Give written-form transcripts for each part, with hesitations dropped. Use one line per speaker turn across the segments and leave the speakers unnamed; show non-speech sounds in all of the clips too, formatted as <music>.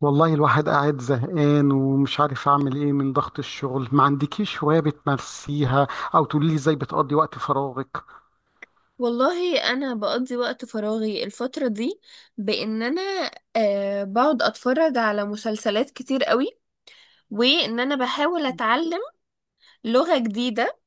والله الواحد قاعد زهقان ومش عارف اعمل ايه من ضغط الشغل، ما عندكيش هواية بتمارسيها او تقولي لي ازاي بتقضي وقت فراغك؟
والله انا بقضي وقت فراغي الفتره دي بان انا بقعد اتفرج على مسلسلات كتير قوي، وان انا بحاول اتعلم لغه جديده.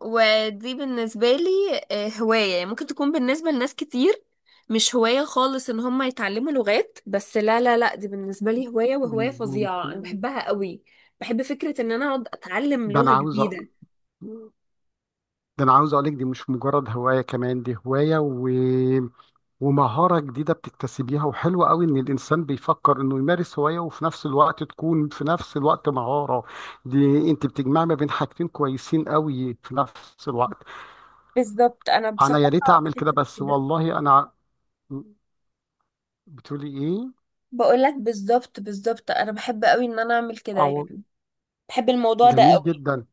ودي بالنسبه لي هوايه. يعني ممكن تكون بالنسبه لناس كتير مش هوايه خالص ان هم يتعلموا لغات، بس لا لا لا، دي بالنسبه لي هوايه، وهوايه فظيعه انا
ممكن.
بحبها قوي. بحب فكره ان انا اقعد اتعلم
ده انا
لغه
عاوز أ...
جديده.
ده انا عاوز اقولك دي مش مجرد هواية كمان، دي هواية ومهارة جديدة بتكتسبيها وحلوة قوي، ان الانسان بيفكر انه يمارس هواية وفي نفس الوقت تكون في نفس الوقت مهارة. دي انت بتجمع ما بين حاجتين كويسين قوي في نفس الوقت.
بالظبط. انا
انا يا ريت
بصراحه
اعمل
بحس.
كده بس والله انا. بتقولي ايه؟
بقول لك بالظبط بالظبط، انا بحب قوي ان انا اعمل كده
او.
يعني. بحب الموضوع ده
جميل
قوي.
جدا.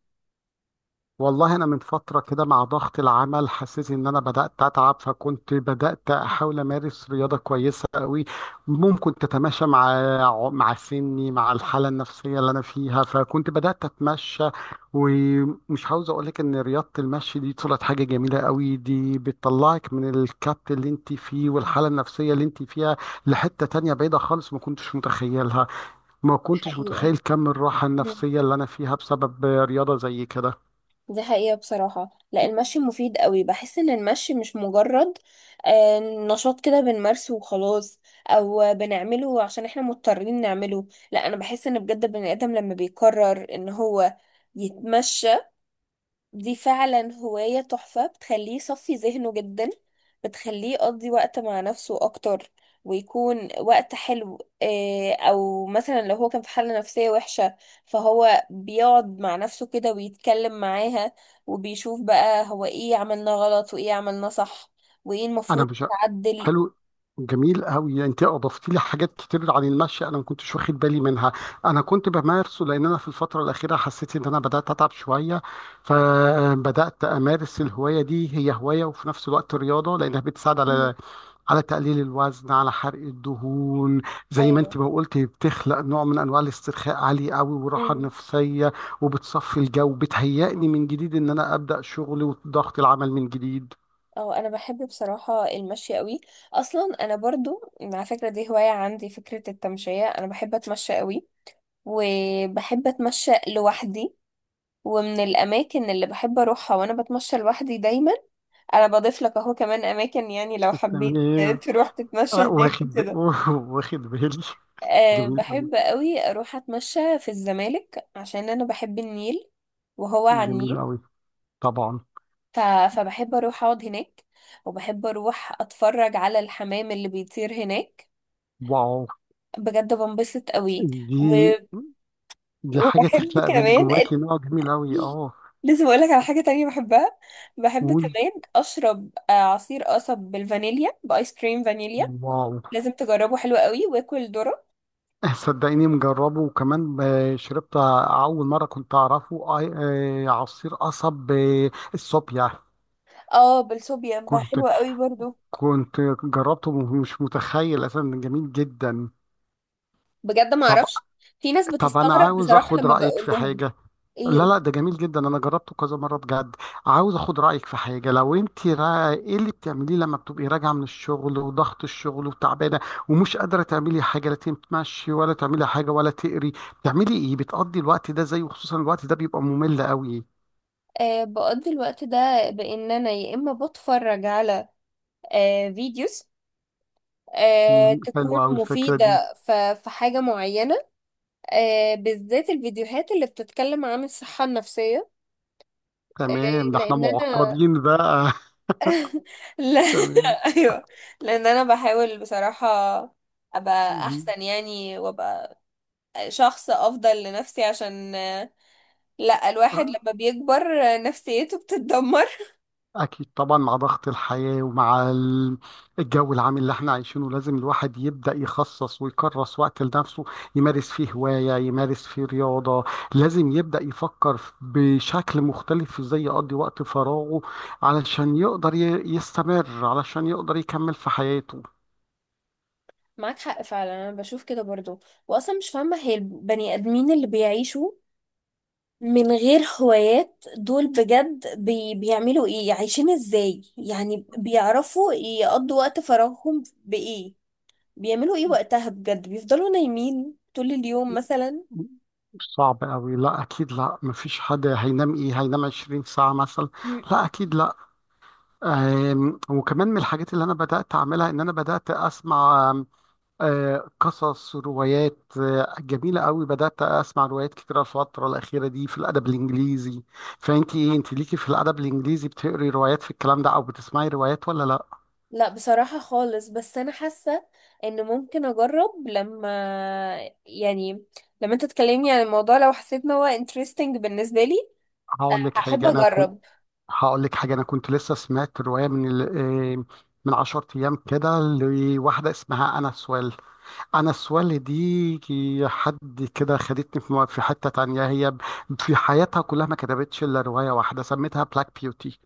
والله انا من فتره كده، مع ضغط العمل حسيت ان انا بدات اتعب، فكنت بدات احاول امارس رياضه كويسه قوي، ممكن تتماشى مع سني مع الحاله النفسيه اللي انا فيها، فكنت بدات اتمشى. ومش عاوز اقول لك ان رياضه المشي دي طلعت حاجه جميله قوي، دي بتطلعك من الكبت اللي انت فيه والحاله النفسيه اللي انت فيها لحته تانية بعيده خالص، ما كنتش متخيلها. ما كنتش
حقيقة.
متخيل كم الراحة
مم.
النفسية اللي أنا فيها بسبب رياضة زي كده.
دي حقيقة بصراحة، لا، المشي مفيد قوي. بحس ان المشي مش مجرد نشاط كده بنمارسه وخلاص، او بنعمله عشان احنا مضطرين نعمله. لا، انا بحس ان بجد البني ادم لما بيقرر ان هو يتمشى، دي فعلا هواية تحفة بتخليه يصفي ذهنه جدا، بتخليه يقضي وقت مع نفسه أكتر ويكون وقت حلو. أو مثلا لو هو كان في حالة نفسية وحشة، فهو بيقعد مع نفسه كده ويتكلم معاها، وبيشوف بقى هو ايه عملنا غلط وايه عملنا صح وايه
انا
المفروض
مش.
يتعدل.
حلو. جميل قوي، انت اضفت لي حاجات كتير عن المشي، انا ما كنتش واخد بالي منها. انا كنت بمارسه لان انا في الفتره الاخيره حسيت ان انا بدات اتعب شويه، فبدات امارس الهوايه دي، هي هوايه وفي نفس الوقت رياضه، لانها بتساعد
مم.
على تقليل الوزن، على حرق الدهون. زي ما
ايوه.
انت ما قلت، بتخلق نوع من انواع الاسترخاء عالي قوي والراحه
مم.
النفسيه. وبتصفي الجو، بتهيئني من جديد، ان انا ابدا شغلي وضغط العمل من جديد.
اه انا بحب بصراحة المشي قوي. اصلا انا برضو على فكرة دي هواية عندي، فكرة التمشية. انا بحب اتمشى قوي وبحب اتمشى لوحدي. ومن الاماكن اللي بحب اروحها وانا بتمشى لوحدي دايما، انا بضيف لك اهو كمان اماكن يعني لو حبيت
تمام.
تروح تتمشى
آه،
هناك
واخد ب...
وكده.
<laughs> واخد بالي.
أه
جميل أوي.
بحب قوي اروح اتمشى في الزمالك عشان انا بحب النيل، وهو على النيل.
جميل أوي. طبعا.
ف... فبحب اروح اقعد هناك. وبحب اروح اتفرج على الحمام اللي بيطير هناك،
واو.
بجد بنبسط قوي. و...
دي دي حاجة
وبحب
تخلق من
كمان،
جواكي نوع جميل أوي، اه.
لازم اقول لك على حاجه تانية بحبها. بحب
قول.
كمان اشرب عصير قصب بالفانيليا، بايس كريم فانيليا.
واو.
لازم تجربه حلو قوي، واكل ذره.
<laughs> صدقيني، مجربه، وكمان شربت. أول مرة كنت أعرفه. عصير قصب، الصوبيا.
اه بالصوبيا
كنت
حلوه قوي برضو.
كنت جربته، ومش متخيل أساسا، جميل جدا.
بجد ما
طب
اعرفش، في ناس
طب أنا
بتستغرب
عاوز
بصراحه
أخد
لما
رأيك
بقول
في
لهم.
حاجة.
ايه
لا، لا، ده جميل جدا، انا جربته كذا مره بجد. عاوز اخد رايك في حاجه، لو انت ايه اللي بتعمليه لما بتبقي راجعه من الشغل وضغط الشغل وتعبانه، ومش قادره تعملي حاجه، لا تمشي ولا تعملي حاجه ولا تقري، بتعملي ايه؟ بتقضي الوقت ده زي، وخصوصا الوقت ده بيبقى ممل قوي.
بقضي الوقت ده بان انا يا اما بتفرج على فيديوز تكون
حلوه قوي الفكره دي.
مفيدة في حاجة معينة. بالذات الفيديوهات اللي بتتكلم عن الصحة النفسية. آه،
تمام. ده احنا
لان انا.
معقدين بقى.
لا.
<laughs> تمام.
<laughs> ايوه. لان انا بحاول بصراحة ابقى
مم.
احسن يعني، وابقى شخص افضل لنفسي. عشان لا، الواحد لما بيكبر نفسيته بتتدمر.
أكيد طبعا، مع ضغط الحياة ومع الجو العام اللي احنا عايشينه، لازم الواحد يبدأ يخصص ويكرس وقت لنفسه، يمارس فيه هواية، يمارس فيه رياضة، لازم يبدأ يفكر بشكل مختلف ازاي يقضي وقت فراغه، علشان يقدر يستمر، علشان يقدر يكمل في حياته.
معاك حق فعلا، انا بشوف كده برضو. واصلا مش فاهمة هي البني ادمين اللي بيعيشوا من غير هوايات دول بجد بيعملوا ايه، عايشين ازاي يعني. بيعرفوا يقضوا وقت فراغهم بايه، بيعملوا ايه وقتها، بجد بيفضلوا نايمين طول اليوم مثلا.
صعب قوي. لا، اكيد لا، مفيش حد هينام، ايه هينام 20 ساعة مثلا؟
م-
لا،
م-
اكيد لا. وكمان من الحاجات اللي انا بدأت اعملها ان انا بدأت اسمع قصص روايات جميلة قوي، بدأت أسمع روايات كتيرة الفترة الأخيرة دي في الأدب الإنجليزي. فأنت إيه، أنت ليكي في الأدب الإنجليزي بتقري روايات في الكلام ده أو بتسمعي روايات ولا لأ؟
لا بصراحة خالص، بس أنا حاسة إن ممكن أجرب، لما يعني لما أنت تكلمني عن الموضوع لو حسيت إن هو interesting بالنسبة لي
هقول لك
هحب
حاجة أنا كنت
أجرب.
هقول لك حاجة أنا كنت لسه سمعت رواية من 10 أيام كده، لواحدة اسمها أنا سوال. أنا سوال دي حد كده خدتني في في حتة تانية، هي في حياتها كلها ما كتبتش إلا رواية واحدة سميتها بلاك بيوتي.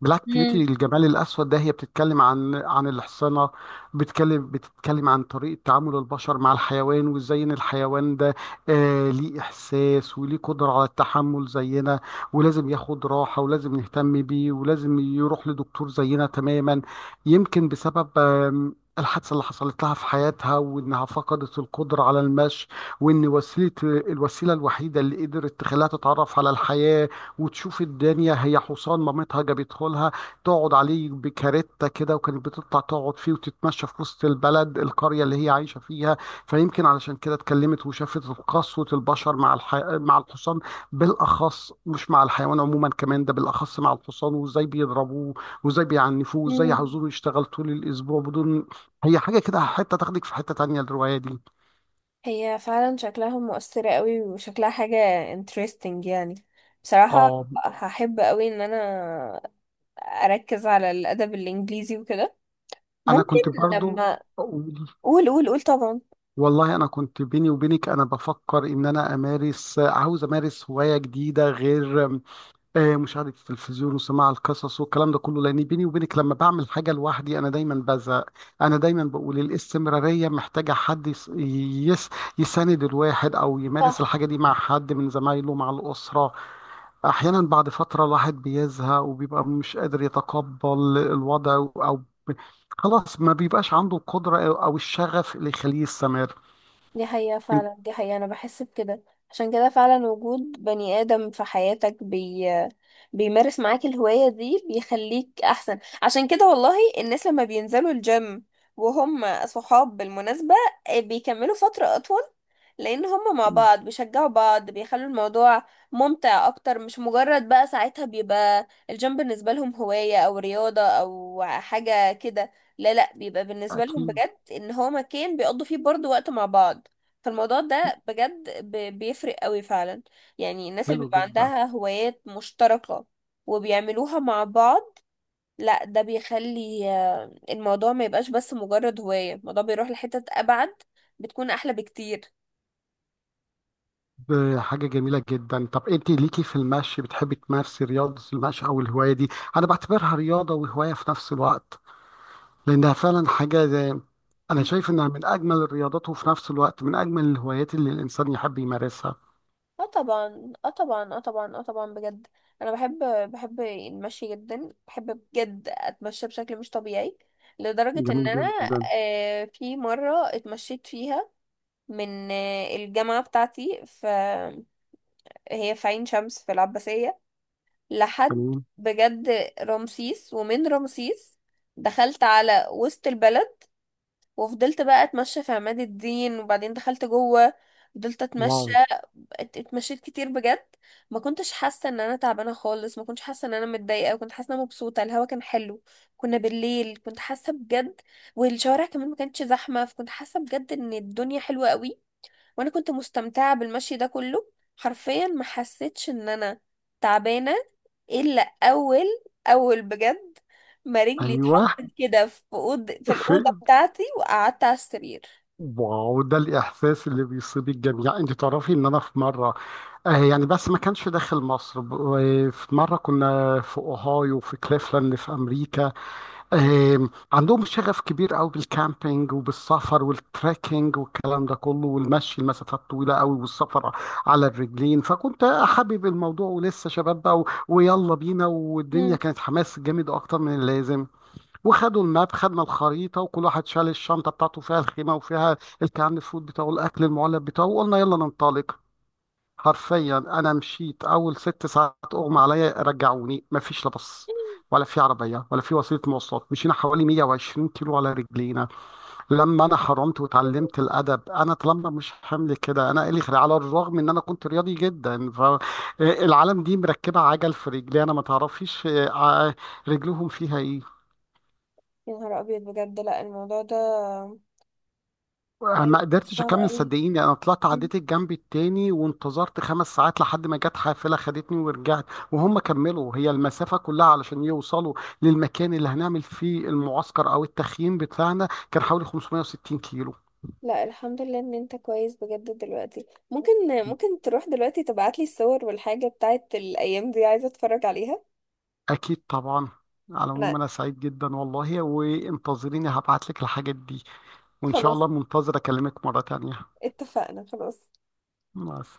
بلاك
مم.
بيوتي الجمال الأسود، ده هي بتتكلم عن الحصانة، بتتكلم عن طريقة تعامل البشر مع الحيوان، وازاي ان الحيوان ده ليه إحساس وليه قدرة على التحمل زينا، ولازم ياخد راحة ولازم نهتم بيه ولازم يروح لدكتور زينا تماما. يمكن بسبب الحادثة اللي حصلت لها في حياتها وإنها فقدت القدرة على المشي، وإن الوسيلة الوحيدة اللي قدرت تخليها تتعرف على الحياة وتشوف الدنيا هي حصان مامتها جابته لها، تقعد عليه بكارته كده، وكانت بتطلع تقعد فيه وتتمشى في وسط البلد القرية اللي هي عايشة فيها. فيمكن علشان كده اتكلمت وشافت قسوة البشر مع الحصان بالأخص، مش مع الحيوان عموما، كمان ده بالأخص مع الحصان، وازاي بيضربوه وازاي بيعنفوه وازاي
مم.
عاوزوه يشتغل طول الأسبوع بدون. هي حاجة كده، حتة تاخدك في حتة تانية الرواية دي.
هي فعلا شكلها مؤثرة قوي وشكلها حاجة interesting يعني، بصراحة
اه،
هحب قوي إن أنا أركز على الأدب الإنجليزي وكده.
أنا
ممكن
كنت برضو.
لما، قول قول قول طبعا.
والله انا كنت بيني وبينك، انا بفكر ان انا عاوز امارس هوايه جديده غير مشاهده التلفزيون وسماع القصص والكلام ده كله، لان بيني وبينك لما بعمل حاجه لوحدي انا دايما بزهق، انا دايما بقول الاستمراريه محتاجه حد يس- يساند الواحد او يمارس
صح.
الحاجه دي مع حد من زمايله مع الاسره. احيانا بعد فتره الواحد بيزهق وبيبقى مش قادر يتقبل الوضع، او خلاص ما بيبقاش عنده القدره او الشغف اللي يخليه يستمر.
دي حقيقة فعلا، دي حقيقة، أنا بحس بكده. عشان كده فعلا وجود بني آدم في حياتك بيمارس معاك الهواية دي بيخليك أحسن. عشان كده والله الناس لما بينزلوا الجيم وهم صحاب بالمناسبة بيكملوا فترة أطول، لأن هم مع بعض بيشجعوا بعض، بيخلوا الموضوع ممتع أكتر. مش مجرد بقى، ساعتها بيبقى الجيم بالنسبة لهم هواية أو رياضة أو حاجة كده، لا لا، بيبقى بالنسبة لهم
أكيد.
بجد ان هو مكان بيقضوا فيه برضو وقت مع بعض. فالموضوع ده بجد بيفرق قوي فعلا. يعني الناس اللي
حلو
بيبقى
جدا.
عندها هوايات مشتركة وبيعملوها مع بعض، لا ده بيخلي الموضوع ما يبقاش بس مجرد هواية، الموضوع بيروح لحتت أبعد، بتكون أحلى بكتير.
حاجة جميلة جدا. طب أنت ليكي في المشي بتحبي تمارسي رياضة المشي أو الهواية دي؟ أنا بعتبرها رياضة وهواية في نفس الوقت، لأنها فعلا حاجة زي، أنا
مم.
شايف إنها من أجمل الرياضات وفي نفس الوقت من أجمل الهوايات اللي الإنسان يحب يمارسها.
اه طبعا اه طبعا اه طبعا اه طبعا بجد، انا بحب المشي جدا، بحب بجد اتمشى بشكل مش طبيعي. لدرجة ان
جميل
انا
جدا.
في مرة اتمشيت فيها من الجامعة بتاعتي، هي في عين شمس في العباسية، لحد
تمام.
بجد رمسيس. ومن رمسيس دخلت على وسط البلد وفضلت بقى اتمشى في عماد الدين، وبعدين دخلت جوه فضلت اتمشى.
واو.
اتمشيت كتير بجد، ما كنتش حاسه ان انا تعبانه خالص، ما كنتش حاسه ان انا متضايقه، كنت حاسه ان انا مبسوطه، الهوا كان حلو، كنا بالليل. كنت حاسه بجد، والشوارع كمان ما كانتش زحمه، فكنت حاسه بجد ان الدنيا حلوه قوي. وانا كنت مستمتعة بالمشي ده كله، حرفيا ما حسيتش ان انا تعبانة الا اول اول بجد ما رجلي
أيوه.
اتحطت كده في في
<laughs> في.
الأوضة بتاعتي وقعدت على السرير.
واو، ده الإحساس اللي بيصيب الجميع، يعني أنت تعرفي إن أنا في مرة يعني بس ما كانش داخل مصر في مرة كنا في أوهايو في كليفلاند في أمريكا. عندهم شغف كبير قوي بالكامبينج وبالسفر والتريكينج والكلام ده كله، والمشي المسافات طويلة قوي، والسفر على الرجلين، فكنت حابب الموضوع ولسه شباب بقى، ويلا بينا، والدنيا
مم.
كانت حماس جامد أكتر من اللازم. وخدوا الماب، خدنا الخريطه، وكل واحد شال الشنطه بتاعته فيها الخيمه وفيها الكان فود بتاعه الاكل المعلب بتاعه، وقلنا يلا ننطلق. حرفيا انا مشيت اول 6 ساعات اغمى عليا، رجعوني، مفيش لا بص ولا في عربيه ولا في وسيله مواصلات، مشينا حوالي 120 كيلو على رجلينا. لما انا حرمت وتعلمت الادب انا طالما مش حمل كده انا الي خير، على الرغم ان انا كنت رياضي جدا، فالعالم دي مركبه عجل في رجلي انا ما تعرفيش آه، رجلهم فيها ايه؟
يا نهار ابيض، بجد لا، الموضوع ده.
ما
ايوه
قدرتش
صعب
اكمل
قوي.
صدقيني، انا طلعت
مم.
عديت الجنب التاني وانتظرت 5 ساعات لحد ما جت حافله خدتني ورجعت. وهم كملوا هي المسافه كلها علشان يوصلوا للمكان اللي هنعمل فيه المعسكر او التخييم بتاعنا، كان حوالي 560 كيلو.
لا الحمد لله ان انت كويس بجد دلوقتي. ممكن ممكن تروح دلوقتي تبعتلي الصور والحاجة بتاعت الايام دي، عايزة اتفرج عليها.
اكيد طبعا. على
انا.
العموم انا سعيد جدا والله، وانتظريني، هبعت لك الحاجات دي، وان شاء الله
خلاص
منتظر اكلمك مره تانية
اتفقنا خلاص.
مع